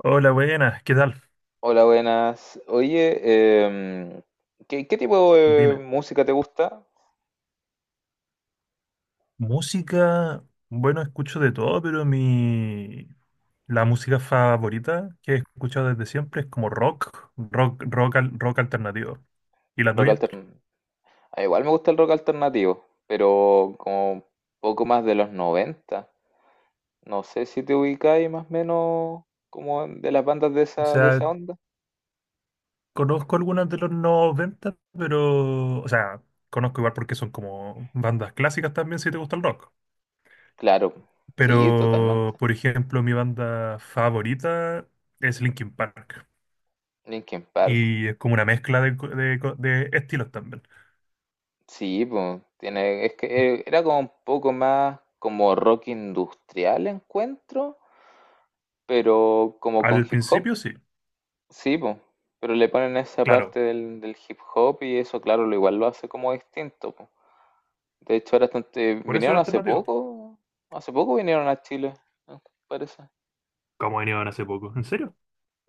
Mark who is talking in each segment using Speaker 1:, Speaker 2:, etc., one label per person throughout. Speaker 1: Hola, buenas, ¿qué tal?
Speaker 2: Hola, buenas. Oye, ¿qué tipo de
Speaker 1: Dime,
Speaker 2: música te gusta?
Speaker 1: música, bueno, escucho de todo, pero mi la música favorita que he escuchado desde siempre es como rock, rock alternativo. ¿Y la
Speaker 2: Rock
Speaker 1: tuya?
Speaker 2: alternativo. Igual me gusta el rock alternativo, pero como un poco más de los 90. No sé si te ubicáis más o menos como de las bandas de
Speaker 1: O
Speaker 2: esa, de
Speaker 1: sea,
Speaker 2: esa onda.
Speaker 1: conozco algunas de los 90, pero, o sea, conozco igual porque son como bandas clásicas también si te gusta el rock.
Speaker 2: Claro, sí, totalmente.
Speaker 1: Pero, por ejemplo, mi banda favorita es Linkin Park.
Speaker 2: Linkin Park,
Speaker 1: Y es como una mezcla de estilos también.
Speaker 2: sí, pues, tiene, es que era como un poco más como rock industrial encuentro, pero como con
Speaker 1: Al
Speaker 2: hip hop.
Speaker 1: principio sí.
Speaker 2: Sí, po, pero le ponen esa
Speaker 1: Claro,
Speaker 2: parte del hip hop y eso, claro, lo igual lo hace como distinto, po. De hecho, ahora
Speaker 1: por eso es alternativo.
Speaker 2: hace poco vinieron a Chile, ¿no? Parece.
Speaker 1: Como vinieron hace poco. ¿En serio?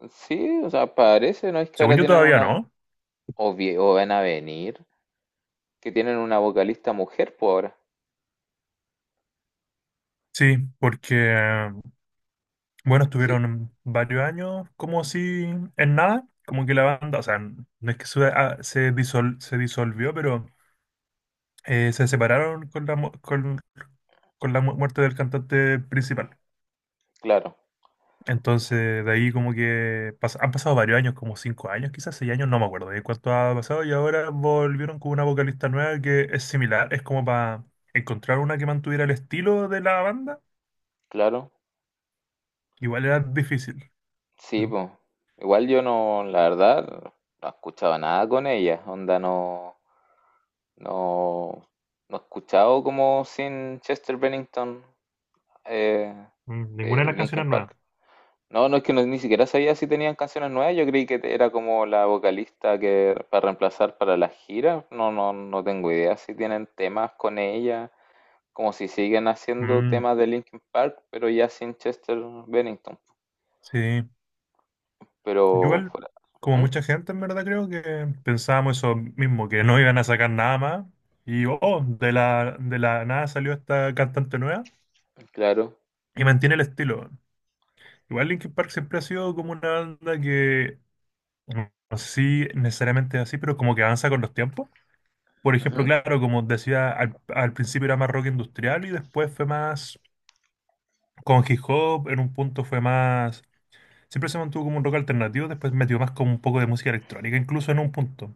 Speaker 2: Sí, o sea, parece, ¿no? Es que ahora
Speaker 1: Según yo
Speaker 2: tienen
Speaker 1: todavía
Speaker 2: una,
Speaker 1: no.
Speaker 2: o van a venir, que tienen una vocalista mujer, pues ahora.
Speaker 1: Sí, porque, bueno,
Speaker 2: Sí,
Speaker 1: estuvieron varios años como así en nada, como que la banda, o sea, no es que se, se disolvió, pero se separaron con la muerte del cantante principal.
Speaker 2: claro, sí,
Speaker 1: Entonces, de ahí como que han pasado varios años, como 5 años, quizás 6 años, no me acuerdo de cuánto ha pasado, y ahora volvieron con una vocalista nueva que es similar, es como para encontrar una que mantuviera el estilo de la banda,
Speaker 2: claro,
Speaker 1: que igual era difícil.
Speaker 2: sí,
Speaker 1: Mm,
Speaker 2: pues. Igual yo no, la verdad, no escuchaba nada con ella, onda no. No, no he escuchado como sin Chester Bennington eh,
Speaker 1: mm, ninguna de las canciones
Speaker 2: Linkin
Speaker 1: nuevas.
Speaker 2: Park. No, no es que ni siquiera sabía si tenían canciones nuevas. Yo creí que era como la vocalista que para reemplazar para las giras. No, no, no tengo idea si tienen temas con ella, como si siguen haciendo
Speaker 1: Mm,
Speaker 2: temas de Linkin Park, pero ya sin Chester Bennington.
Speaker 1: sí, yo
Speaker 2: Pero
Speaker 1: igual,
Speaker 2: fuera.
Speaker 1: como
Speaker 2: Ujú,
Speaker 1: mucha gente en verdad creo que pensábamos eso mismo, que no iban a sacar nada más, y oh, de la nada salió esta cantante nueva
Speaker 2: claro.
Speaker 1: y mantiene el estilo. Igual Linkin Park siempre ha sido como una banda que, no sé si necesariamente es así, pero como que avanza con los tiempos. Por ejemplo,
Speaker 2: Ujú.
Speaker 1: claro, como decía, al principio era más rock industrial y después fue más con hip hop, en un punto fue más... Siempre se mantuvo como un rock alternativo, después metió más como un poco de música electrónica, incluso en un punto,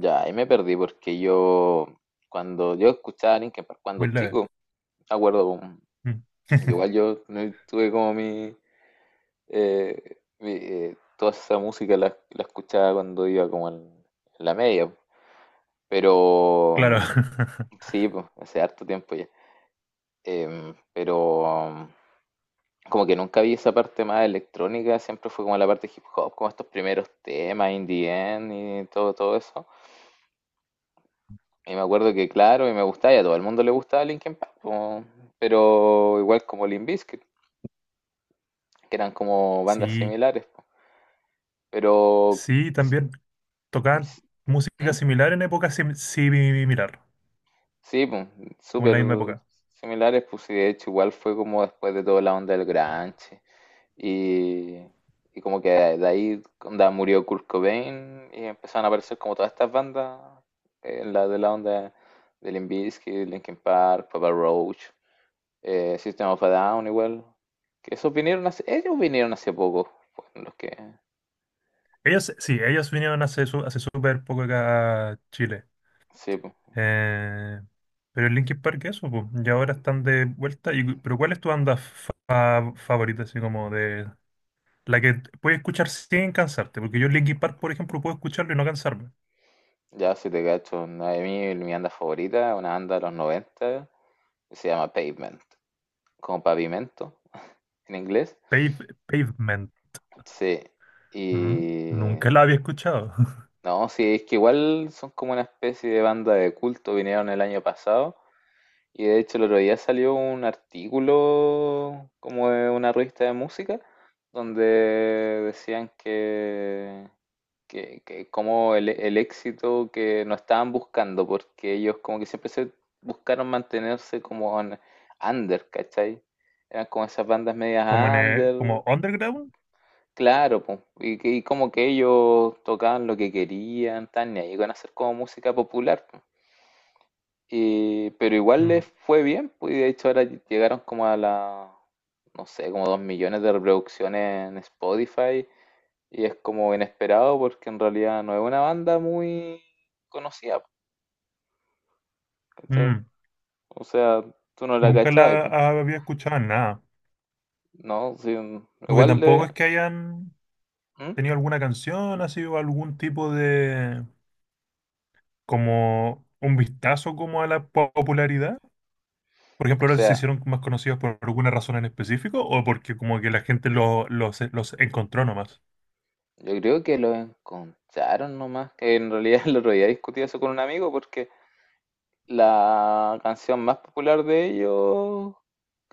Speaker 2: Ya, ahí me perdí porque yo cuando yo escuchaba Linkin Park cuando
Speaker 1: muy leve.
Speaker 2: chico. Acuerdo, po.
Speaker 1: Mm.
Speaker 2: Igual yo no tuve como toda esa música la escuchaba cuando iba como en la media, pero
Speaker 1: Claro.
Speaker 2: sí, pues, hace harto tiempo ya. Pero como que nunca vi esa parte más electrónica, siempre fue como la parte hip hop, como estos primeros temas, In The End y todo, todo eso. Y me acuerdo que, claro, y me gustaba, y a todo el mundo le gustaba Linkin Park, po, pero igual como Limp Bizkit, que eran como bandas
Speaker 1: Sí,
Speaker 2: similares, po. Pero
Speaker 1: sí, también tocaban música
Speaker 2: ¿mm?
Speaker 1: similar en épocas similar,
Speaker 2: Sí, pues,
Speaker 1: como en
Speaker 2: súper
Speaker 1: la misma época.
Speaker 2: similares, pues sí, de hecho igual fue como después de toda la onda del grunge y, y como que de ahí onda, murió Kurt Cobain y empezaron a aparecer como todas estas bandas, la de la onda de Limp Bizkit, Linkin Park, Papa Roach, System of a Down igual, que esos ellos vinieron hace poco, fueron los que,
Speaker 1: Ellos, sí, ellos vinieron hace hace súper poco acá a Chile.
Speaker 2: sí, pues,
Speaker 1: Eh, pero el Linkin Park, eso, pues, y ahora están de vuelta. Y, pero ¿cuál es tu banda favorita, así como de la que puedes escuchar sin cansarte? Porque yo Linkin Park, por ejemplo, puedo escucharlo y no cansarme.
Speaker 2: ya si te cacho, mi banda favorita, una banda de los 90 que se llama Pavement. Como pavimento en inglés.
Speaker 1: Pave- Pavement.
Speaker 2: Sí.
Speaker 1: ¿Mm?
Speaker 2: Y
Speaker 1: Nunca la había escuchado.
Speaker 2: no, sí, es que igual son como una especie de banda de culto, vinieron el año pasado. Y de hecho el otro día salió un artículo como de una revista de música donde decían que como el éxito que no estaban buscando, porque ellos como que siempre se buscaron mantenerse como en under, ¿cachai? Eran como esas bandas medias
Speaker 1: Como en
Speaker 2: under.
Speaker 1: como underground.
Speaker 2: Claro, po, y como que ellos tocaban lo que querían, tan, y ahí iban a hacer como música popular, po. Pero igual les
Speaker 1: Mm.
Speaker 2: fue bien, pues, y de hecho ahora llegaron como a la, no sé, como 2 millones de reproducciones en Spotify, y es como inesperado porque en realidad no es una banda muy conocida, po, ¿cachai?
Speaker 1: Mm.
Speaker 2: O sea, tú no la
Speaker 1: Nunca
Speaker 2: cachabas,
Speaker 1: la
Speaker 2: pues,
Speaker 1: había escuchado en nada.
Speaker 2: ¿no? Sí,
Speaker 1: Porque
Speaker 2: igual
Speaker 1: tampoco
Speaker 2: de...
Speaker 1: es que hayan
Speaker 2: ¿Mm?
Speaker 1: tenido alguna canción, ha sido algún tipo de como un vistazo como a la popularidad. Por ejemplo,
Speaker 2: O
Speaker 1: ahora se
Speaker 2: sea...
Speaker 1: hicieron más conocidos por alguna razón en específico o porque como que la gente los encontró nomás.
Speaker 2: Yo creo que lo encontraron nomás. Que en realidad el otro día discutí eso con un amigo porque la canción más popular de ellos,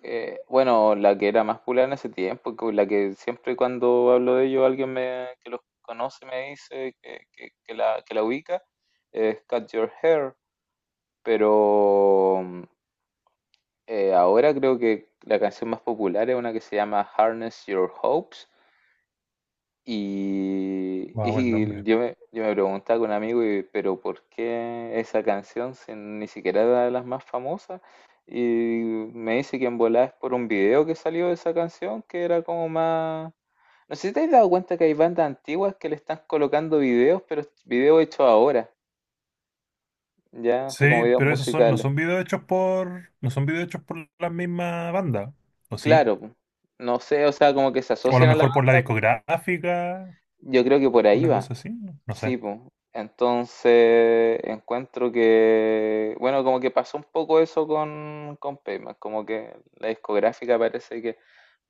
Speaker 2: bueno, la que era más popular en ese tiempo, con la que siempre cuando hablo de ellos alguien me, que los conoce me dice que la ubica, es Cut Your Hair. Pero ahora creo que la canción más popular es una que se llama Harness Your Hopes. Y,
Speaker 1: Wow, el
Speaker 2: y
Speaker 1: nombre.
Speaker 2: yo me preguntaba con un amigo, y, pero ¿por qué esa canción si ni siquiera era de las más famosas? Y me dice que en volada es por un video que salió de esa canción, que era como más... No sé si te has dado cuenta que hay bandas antiguas que le están colocando videos, pero videos hechos ahora, ya,
Speaker 1: Sí,
Speaker 2: así como videos
Speaker 1: pero esos son, no
Speaker 2: musicales.
Speaker 1: son videos hechos por, no son videos hechos por la misma banda, ¿o sí?
Speaker 2: Claro, po. No sé, o sea, como que se
Speaker 1: O a lo
Speaker 2: asocian a la
Speaker 1: mejor por la
Speaker 2: banda,
Speaker 1: discográfica,
Speaker 2: yo creo que por ahí
Speaker 1: una
Speaker 2: va.
Speaker 1: cosa así, no, no
Speaker 2: Sí,
Speaker 1: sé.
Speaker 2: pues. Entonces encuentro que, bueno, como que pasó un poco eso con, Pavement, como que la discográfica parece que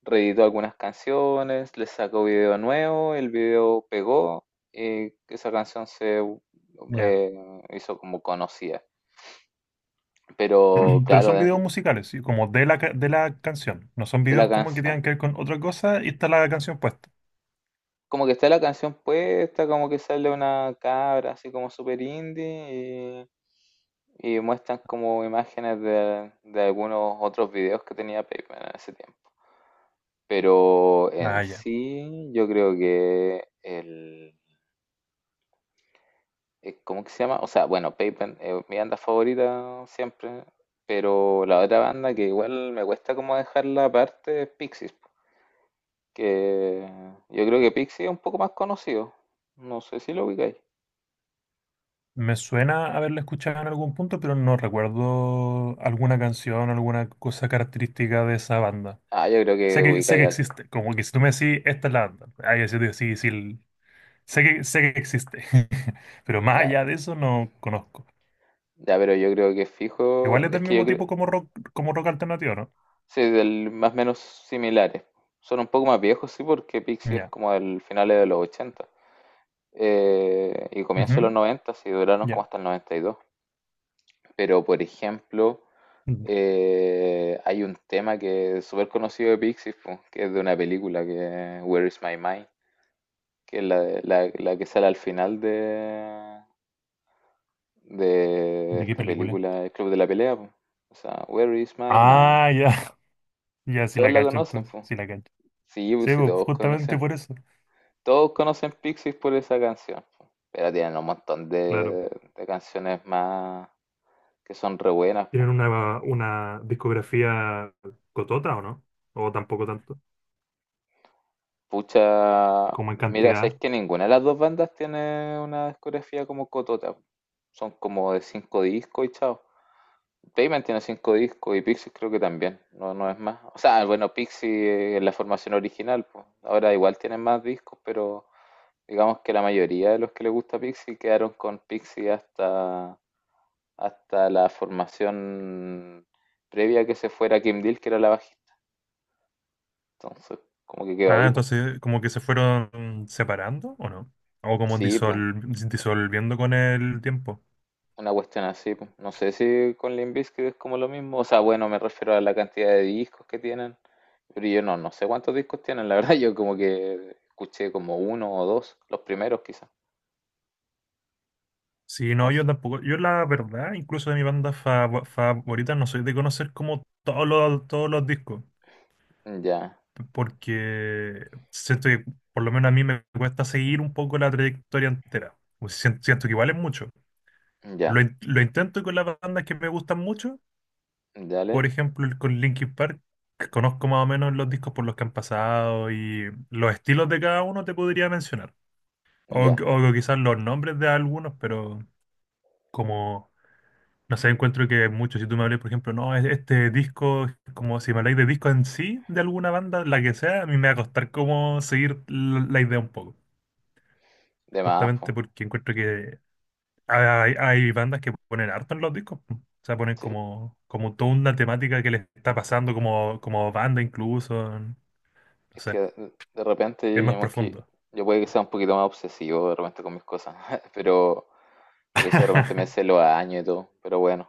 Speaker 2: reeditó algunas canciones, le sacó video nuevo, el video pegó y esa canción se
Speaker 1: Ya.
Speaker 2: hizo como conocida. Pero
Speaker 1: Pero
Speaker 2: claro,
Speaker 1: son videos
Speaker 2: de,
Speaker 1: musicales, sí, como de de la canción. No son
Speaker 2: de la
Speaker 1: videos como que
Speaker 2: canción.
Speaker 1: tengan que ver con otra cosa y está la canción puesta.
Speaker 2: Como que está la canción puesta, como que sale una cabra así como super indie. Y muestran como imágenes de algunos otros videos que tenía Pac-Man en ese tiempo. Pero
Speaker 1: Ah,
Speaker 2: en
Speaker 1: ya.
Speaker 2: sí, yo creo que el. ¿Cómo que se llama? O sea, bueno, Pac-Man es mi banda favorita siempre. Pero la otra banda que igual me cuesta como dejarla aparte es Pixies, po. Que yo creo que Pixies es un poco más conocido. No sé si lo ubicáis.
Speaker 1: Me suena haberla escuchado en algún punto, pero no recuerdo alguna canción, alguna cosa característica de esa banda.
Speaker 2: Ah, yo creo que
Speaker 1: Sé
Speaker 2: ubicáis
Speaker 1: que
Speaker 2: al.
Speaker 1: existe, como que si tú me decís, esta es la banda, ahí así te sí, sí, sé que existe, pero más
Speaker 2: Ya,
Speaker 1: allá de eso no conozco.
Speaker 2: ya, pero yo creo que fijo.
Speaker 1: Igual es
Speaker 2: Es
Speaker 1: del
Speaker 2: que yo
Speaker 1: mismo
Speaker 2: creo.
Speaker 1: tipo como rock alternativo, ¿no?
Speaker 2: Sí, del, más o menos similares. Son un poco más viejos, sí, porque Pixie es
Speaker 1: Ya,
Speaker 2: como del finales de los 80 y comienzo de
Speaker 1: ujú,
Speaker 2: los 90, sí, duraron como
Speaker 1: ya.
Speaker 2: hasta el noventa y dos. Pero, por ejemplo,
Speaker 1: Mm,
Speaker 2: hay un tema que es súper conocido de Pixies, po, que es de una película que es Where is My Mind, que es la que sale al final de
Speaker 1: ¿de qué
Speaker 2: esta
Speaker 1: película?
Speaker 2: película, El Club de la Pelea, po. O sea, Where is My Mind.
Speaker 1: Ah, ya, ya, sí
Speaker 2: Todos
Speaker 1: la
Speaker 2: la
Speaker 1: cacho
Speaker 2: conocen,
Speaker 1: entonces,
Speaker 2: po.
Speaker 1: sí la cacho.
Speaker 2: Sí,
Speaker 1: Sí,
Speaker 2: pues sí,
Speaker 1: pues, justamente por eso.
Speaker 2: todos conocen Pixies por esa canción, po. Pero tienen un montón de,
Speaker 1: Claro.
Speaker 2: de canciones más que son re buenas, po.
Speaker 1: ¿Tienen una discografía cotota o no? ¿O tampoco tanto?
Speaker 2: Pucha,
Speaker 1: Como en
Speaker 2: mira, sabéis
Speaker 1: cantidad.
Speaker 2: que ninguna de las dos bandas tiene una discografía como Cotota, po. Son como de cinco discos y chao. Pavement tiene cinco discos y Pixies creo que también, no, no es más. O sea, bueno, Pixies en la formación original, pues. Ahora igual tienen más discos, pero digamos que la mayoría de los que les gusta Pixies quedaron con Pixies hasta la formación previa a que se fuera Kim Deal, que era la bajista. Entonces, como que quedó
Speaker 1: Ah,
Speaker 2: ahí, po.
Speaker 1: entonces ¿como que se fueron separando o no? O como
Speaker 2: Sí, pues,
Speaker 1: disolviendo con el tiempo.
Speaker 2: una cuestión así, po. No sé si con Limp Bizkit es como lo mismo. O sea, bueno, me refiero a la cantidad de discos que tienen. Pero yo no, no sé cuántos discos tienen, la verdad. Yo como que escuché como uno o dos, los primeros quizás.
Speaker 1: Sí,
Speaker 2: No
Speaker 1: no,
Speaker 2: sé.
Speaker 1: yo tampoco. Yo la verdad, incluso de mi banda favorita, no soy de conocer como todos los discos.
Speaker 2: Ya,
Speaker 1: Porque siento que por lo menos a mí me cuesta seguir un poco la trayectoria entera. Pues siento que igual es mucho. Lo,
Speaker 2: ya,
Speaker 1: lo intento con las bandas que me gustan mucho, por
Speaker 2: dale,
Speaker 1: ejemplo, con Linkin Park, que conozco más o menos los discos por los que han pasado y los estilos de cada uno te podría mencionar.
Speaker 2: ya.
Speaker 1: O quizás los nombres de algunos, pero como, no sé, encuentro que muchos, si tú me hablas, por ejemplo, no, este disco, como si me habláis de disco en sí, de alguna banda, la que sea, a mí me va a costar como seguir la la idea un poco.
Speaker 2: De más, pues.
Speaker 1: Justamente porque encuentro que hay bandas que ponen harto en los discos, po. O sea, ponen
Speaker 2: Sí,
Speaker 1: como, como toda una temática que les está pasando como, como banda incluso. No
Speaker 2: es que
Speaker 1: sé,
Speaker 2: de repente yo,
Speaker 1: es más
Speaker 2: digamos que
Speaker 1: profundo.
Speaker 2: yo puede que sea un poquito más obsesivo de repente con mis cosas, pero por eso de repente me sé los años y todo, pero bueno,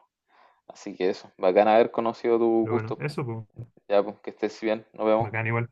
Speaker 2: así que eso, bacán haber conocido tu
Speaker 1: Pero bueno,
Speaker 2: gusto,
Speaker 1: eso, pues,
Speaker 2: ya pues que estés bien, nos vemos.
Speaker 1: bacán igual.